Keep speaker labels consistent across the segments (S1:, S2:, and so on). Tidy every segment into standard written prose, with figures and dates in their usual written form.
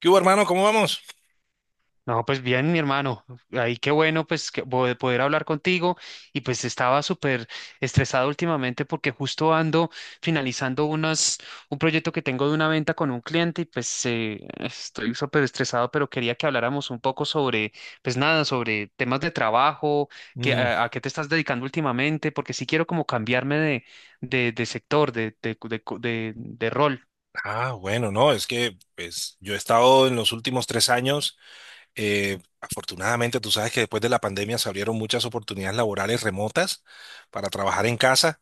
S1: ¿Qué hubo, hermano? ¿Cómo vamos?
S2: No, pues bien, mi hermano. Ahí qué bueno, pues, que poder hablar contigo. Y pues estaba súper estresado últimamente porque justo ando finalizando unas, un proyecto que tengo de una venta con un cliente y pues estoy súper estresado, pero quería que habláramos un poco sobre, pues nada, sobre temas de trabajo, que,
S1: Mm,
S2: a qué te estás dedicando últimamente, porque sí quiero como cambiarme de, de sector, de rol.
S1: ah, bueno, no, es que pues, yo he estado en los últimos 3 años, afortunadamente tú sabes que después de la pandemia se abrieron muchas oportunidades laborales remotas para trabajar en casa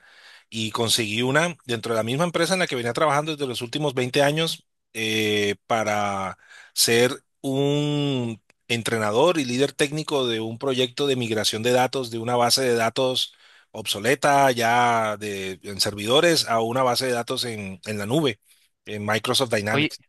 S1: y conseguí una dentro de la misma empresa en la que venía trabajando desde los últimos 20 años para ser un entrenador y líder técnico de un proyecto de migración de datos de una base de datos obsoleta en servidores a una base de datos en la nube, en Microsoft
S2: Oye.
S1: Dynamics.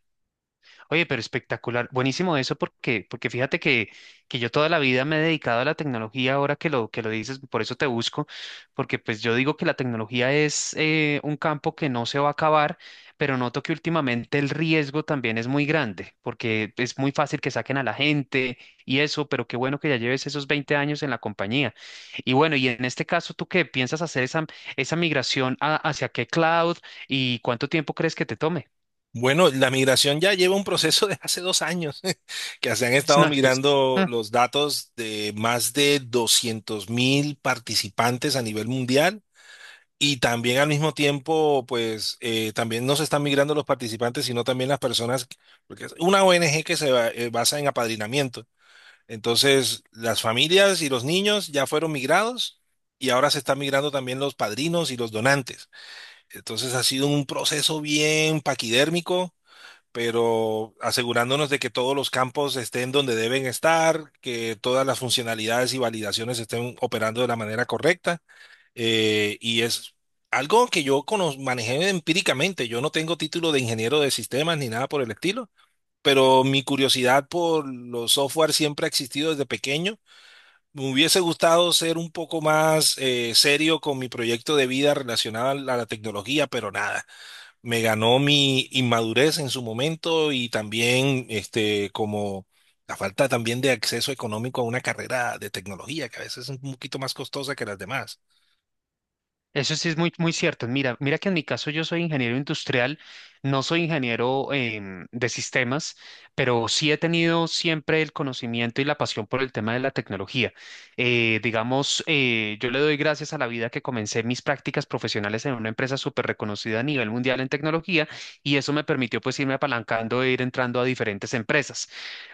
S2: Oye, pero espectacular, buenísimo eso porque, porque fíjate que yo toda la vida me he dedicado a la tecnología, ahora que que lo dices, por eso te busco, porque pues yo digo que la tecnología es un campo que no se va a acabar, pero noto que últimamente el riesgo también es muy grande, porque es muy fácil que saquen a la gente y eso, pero qué bueno que ya lleves esos 20 años en la compañía. Y bueno, y en este caso, ¿tú qué piensas hacer esa migración hacia qué cloud y cuánto tiempo crees que te tome?
S1: Bueno, la migración ya lleva un proceso de hace 2 años, que se han estado
S2: No, pues.
S1: migrando los datos de más de 200.000 participantes a nivel mundial. Y también al mismo tiempo, pues también no se están migrando los participantes, sino también las personas, porque es una ONG que basa en apadrinamiento. Entonces, las familias y los niños ya fueron migrados y ahora se están migrando también los padrinos y los donantes. Entonces, ha sido un proceso bien paquidérmico, pero asegurándonos de que todos los campos estén donde deben estar, que todas las funcionalidades y validaciones estén operando de la manera correcta. Y es algo que manejé empíricamente. Yo no tengo título de ingeniero de sistemas ni nada por el estilo, pero mi curiosidad por los software siempre ha existido desde pequeño. Me hubiese gustado ser un poco más serio con mi proyecto de vida relacionado a la tecnología, pero nada, me ganó mi inmadurez en su momento y también este como la falta también de acceso económico a una carrera de tecnología que a veces es un poquito más costosa que las demás.
S2: Eso sí es muy, muy cierto. Mira, mira que en mi caso yo soy ingeniero industrial, no soy ingeniero de sistemas, pero sí he tenido siempre el conocimiento y la pasión por el tema de la tecnología. Digamos, yo le doy gracias a la vida que comencé mis prácticas profesionales en una empresa súper reconocida a nivel mundial en tecnología y eso me permitió pues irme apalancando e ir entrando a diferentes empresas.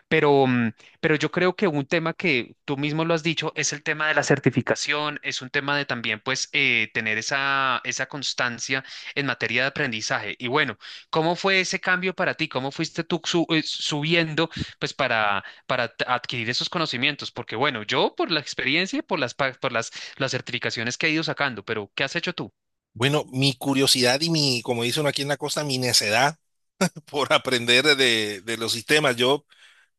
S2: Pero, pero yo creo que un tema que tú mismo lo has dicho es el tema de la certificación, es un tema de también pues tener esa constancia en materia de aprendizaje. Y bueno, ¿cómo fue ese cambio para ti? ¿Cómo fuiste tú subiendo pues para, adquirir esos conocimientos? Porque bueno, yo por la experiencia y por las, por las certificaciones que he ido sacando, pero ¿qué has hecho tú?
S1: Bueno, mi curiosidad y mi, como dice uno aquí en la costa, mi necedad por aprender de los sistemas. Yo,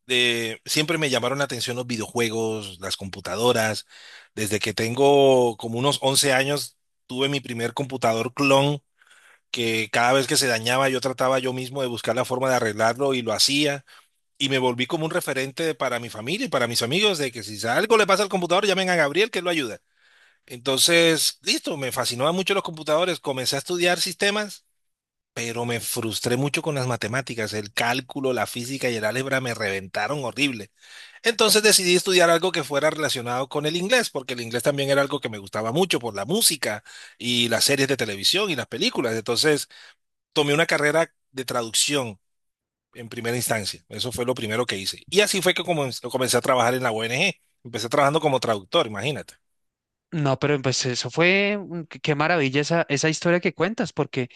S1: siempre me llamaron la atención los videojuegos, las computadoras. Desde que tengo como unos 11 años, tuve mi primer computador clon que cada vez que se dañaba yo trataba yo mismo de buscar la forma de arreglarlo y lo hacía y me volví como un referente para mi familia y para mis amigos de que si algo le pasa al computador llamen a Gabriel que él lo ayuda. Entonces, listo, me fascinaban mucho los computadores, comencé a estudiar sistemas, pero me frustré mucho con las matemáticas, el cálculo, la física y el álgebra me reventaron horrible. Entonces decidí estudiar algo que fuera relacionado con el inglés, porque el inglés también era algo que me gustaba mucho por la música y las series de televisión y las películas. Entonces, tomé una carrera de traducción en primera instancia. Eso fue lo primero que hice. Y así fue que comencé a trabajar en la ONG. Empecé trabajando como traductor, imagínate.
S2: No, pero pues eso fue, qué qué maravilla esa historia que cuentas, porque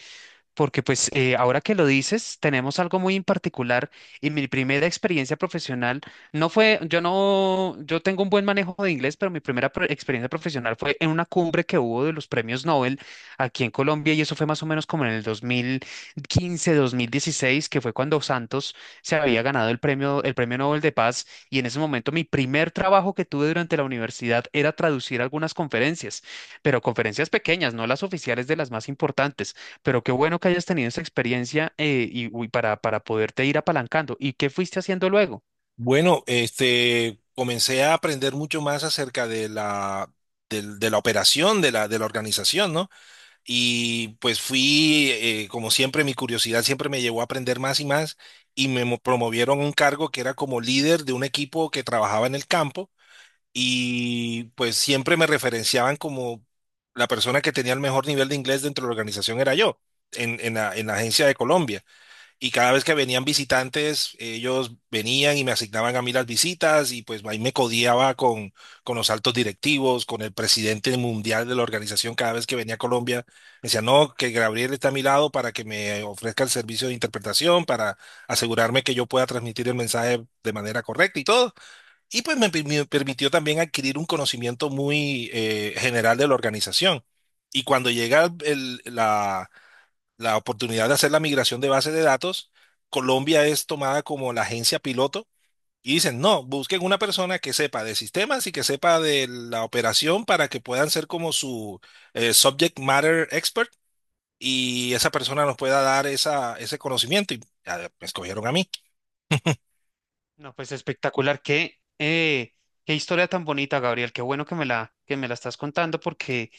S2: porque pues ahora que lo dices, tenemos algo muy en particular y mi primera experiencia profesional no fue, yo no, yo tengo un buen manejo de inglés, pero mi primera experiencia profesional fue en una cumbre que hubo de los premios Nobel aquí en Colombia y eso fue más o menos como en el 2015, 2016, que fue cuando Santos se había ganado el premio Nobel de Paz, y en ese momento mi primer trabajo que tuve durante la universidad era traducir algunas conferencias, pero conferencias pequeñas, no las oficiales de las más importantes. Pero qué bueno que hayas tenido esa experiencia y uy, para poderte ir apalancando. ¿Y qué fuiste haciendo luego?
S1: Bueno, este, comencé a aprender mucho más acerca de de la operación, de la organización, ¿no? Y pues fui, como siempre, mi curiosidad siempre me llevó a aprender más y más y promovieron a un cargo que era como líder de un equipo que trabajaba en el campo y pues siempre me referenciaban como la persona que tenía el mejor nivel de inglés dentro de la organización era yo, en la agencia de Colombia. Y cada vez que venían visitantes, ellos venían y me asignaban a mí las visitas y pues ahí me codiaba con los altos directivos, con el presidente mundial de la organización cada vez que venía a Colombia. Me decía, no, que Gabriel está a mi lado para que me ofrezca el servicio de interpretación, para asegurarme que yo pueda transmitir el mensaje de manera correcta y todo. Y pues me permitió también adquirir un conocimiento muy general de la organización. Y cuando llega la oportunidad de hacer la migración de bases de datos, Colombia es tomada como la agencia piloto y dicen, no, busquen una persona que sepa de sistemas y que sepa de la operación para que puedan ser como su subject matter expert y esa persona nos pueda dar esa, ese conocimiento. Y ah, me escogieron a mí.
S2: No, pues espectacular. Qué, qué historia tan bonita, Gabriel. Qué bueno que me la estás contando, porque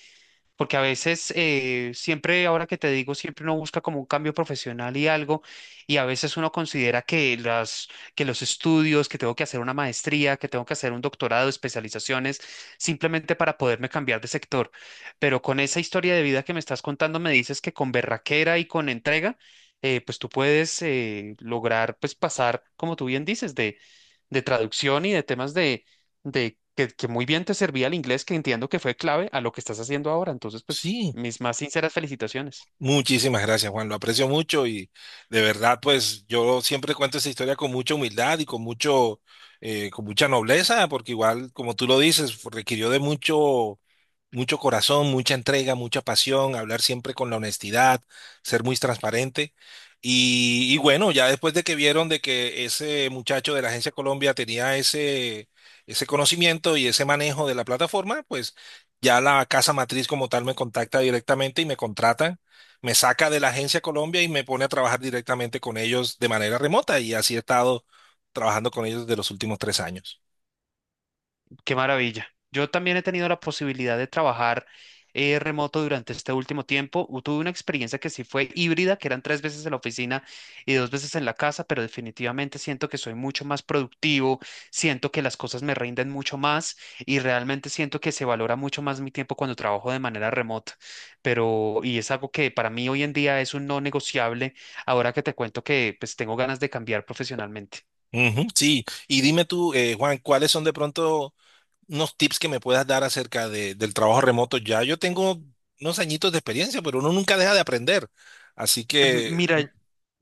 S2: porque a veces, siempre, ahora que te digo, siempre uno busca como un cambio profesional y algo, y a veces uno considera que las, que los estudios, que tengo que hacer una maestría, que tengo que hacer un doctorado, especializaciones, simplemente para poderme cambiar de sector. Pero con esa historia de vida que me estás contando, me dices que con berraquera y con entrega, pues tú puedes lograr, pues pasar, como tú bien dices, de traducción y de temas de que muy bien te servía el inglés, que entiendo que fue clave a lo que estás haciendo ahora. Entonces, pues,
S1: Sí.
S2: mis más sinceras felicitaciones.
S1: Muchísimas gracias, Juan. Lo aprecio mucho y de verdad, pues yo siempre cuento esa historia con mucha humildad y con mucho, con mucha nobleza, porque igual, como tú lo dices, requirió de mucho, mucho corazón, mucha entrega, mucha pasión, hablar siempre con la honestidad, ser muy transparente. Y bueno, ya después de que vieron de que ese muchacho de la Agencia Colombia tenía ese, ese conocimiento y ese manejo de la plataforma, pues ya la casa matriz como tal me contacta directamente y me contratan, me saca de la Agencia Colombia y me pone a trabajar directamente con ellos de manera remota. Y así he estado trabajando con ellos desde los últimos tres años.
S2: Qué maravilla. Yo también he tenido la posibilidad de trabajar remoto durante este último tiempo. Tuve una experiencia que sí fue híbrida, que eran tres veces en la oficina y dos veces en la casa, pero definitivamente siento que soy mucho más productivo, siento que las cosas me rinden mucho más y realmente siento que se valora mucho más mi tiempo cuando trabajo de manera remota. Pero, y es algo que para mí hoy en día es un no negociable, ahora que te cuento que pues tengo ganas de cambiar profesionalmente.
S1: Ujú, sí, y dime tú, Juan, ¿cuáles son de pronto unos tips que me puedas dar acerca del trabajo remoto? Ya yo tengo unos añitos de experiencia, pero uno nunca deja de aprender. Así que...
S2: Mira.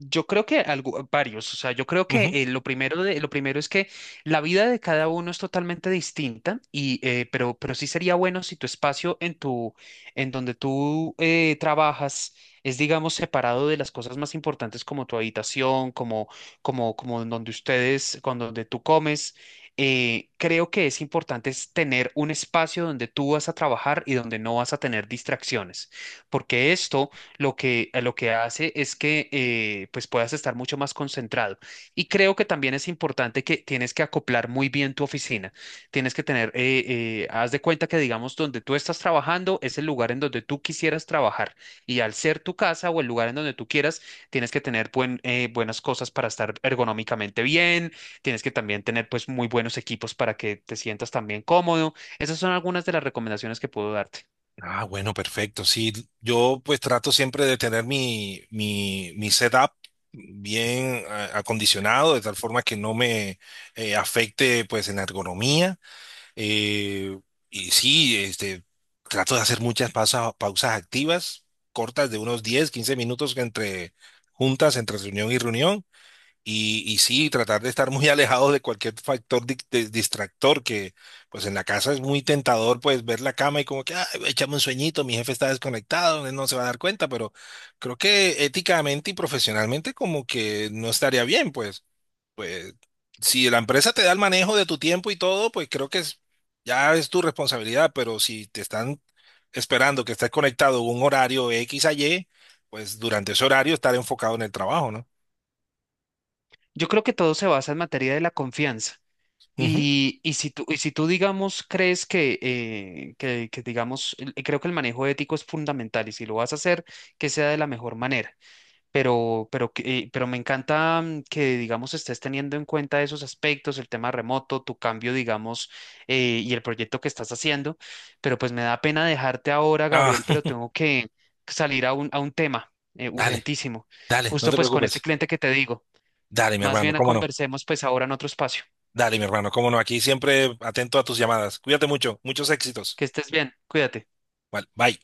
S2: Yo creo que varios, o sea, yo creo que
S1: Ujú.
S2: lo primero lo primero es que la vida de cada uno es totalmente distinta y pero sí sería bueno si tu espacio en tu en donde tú trabajas es digamos separado de las cosas más importantes como tu habitación, como como en donde ustedes, con donde tú comes. Eh, creo que es importante es tener un espacio donde tú vas a trabajar y donde no vas a tener distracciones, porque esto lo que, a lo que hace es que pues puedas estar mucho más concentrado. Y creo que también es importante que tienes que acoplar muy bien tu oficina. Tienes que tener, haz de cuenta que digamos donde tú estás trabajando es el lugar en donde tú quisieras trabajar. Y al ser tu casa o el lugar en donde tú quieras, tienes que tener buenas cosas para estar ergonómicamente bien. Tienes que también tener pues muy buenos equipos para que te sientas también cómodo. Esas son algunas de las recomendaciones que puedo darte.
S1: Ah, bueno, perfecto. Sí, yo pues trato siempre de tener mi setup bien acondicionado, de tal forma que no me afecte pues en la ergonomía. Eh, y sí, este, trato de hacer muchas pausas activas, cortas de unos 10-15 minutos entre juntas, entre reunión y reunión. Y sí, tratar de estar muy alejados de cualquier factor distractor, que pues en la casa es muy tentador, pues ver la cama y como que, ay, échame un sueñito, mi jefe está desconectado, él no se va a dar cuenta, pero creo que éticamente y profesionalmente como que no estaría bien, pues, pues si la empresa te da el manejo de tu tiempo y todo, pues creo que ya es tu responsabilidad, pero si te están esperando que estés conectado a un horario X a Y, pues durante ese horario estar enfocado en el trabajo, ¿no?
S2: Yo creo que todo se basa en materia de la confianza.
S1: Ujú.
S2: Y, y si tú, digamos, crees que, digamos, creo que el manejo ético es fundamental y si lo vas a hacer, que sea de la mejor manera. Pero, pero me encanta que, digamos, estés teniendo en cuenta esos aspectos, el tema remoto, tu cambio, digamos, y el proyecto que estás haciendo. Pero pues me da pena dejarte ahora, Gabriel,
S1: Ah.
S2: pero tengo que salir a un tema
S1: Dale,
S2: urgentísimo,
S1: dale, no
S2: justo
S1: te
S2: pues con este
S1: preocupes.
S2: cliente que te digo.
S1: Dale, mi
S2: Más
S1: hermano,
S2: bien
S1: cómo no.
S2: conversemos pues ahora en otro espacio.
S1: Dale, mi hermano, cómo no. Aquí siempre atento a tus llamadas. Cuídate mucho, muchos éxitos.
S2: Que estés bien, cuídate.
S1: Vale, bye.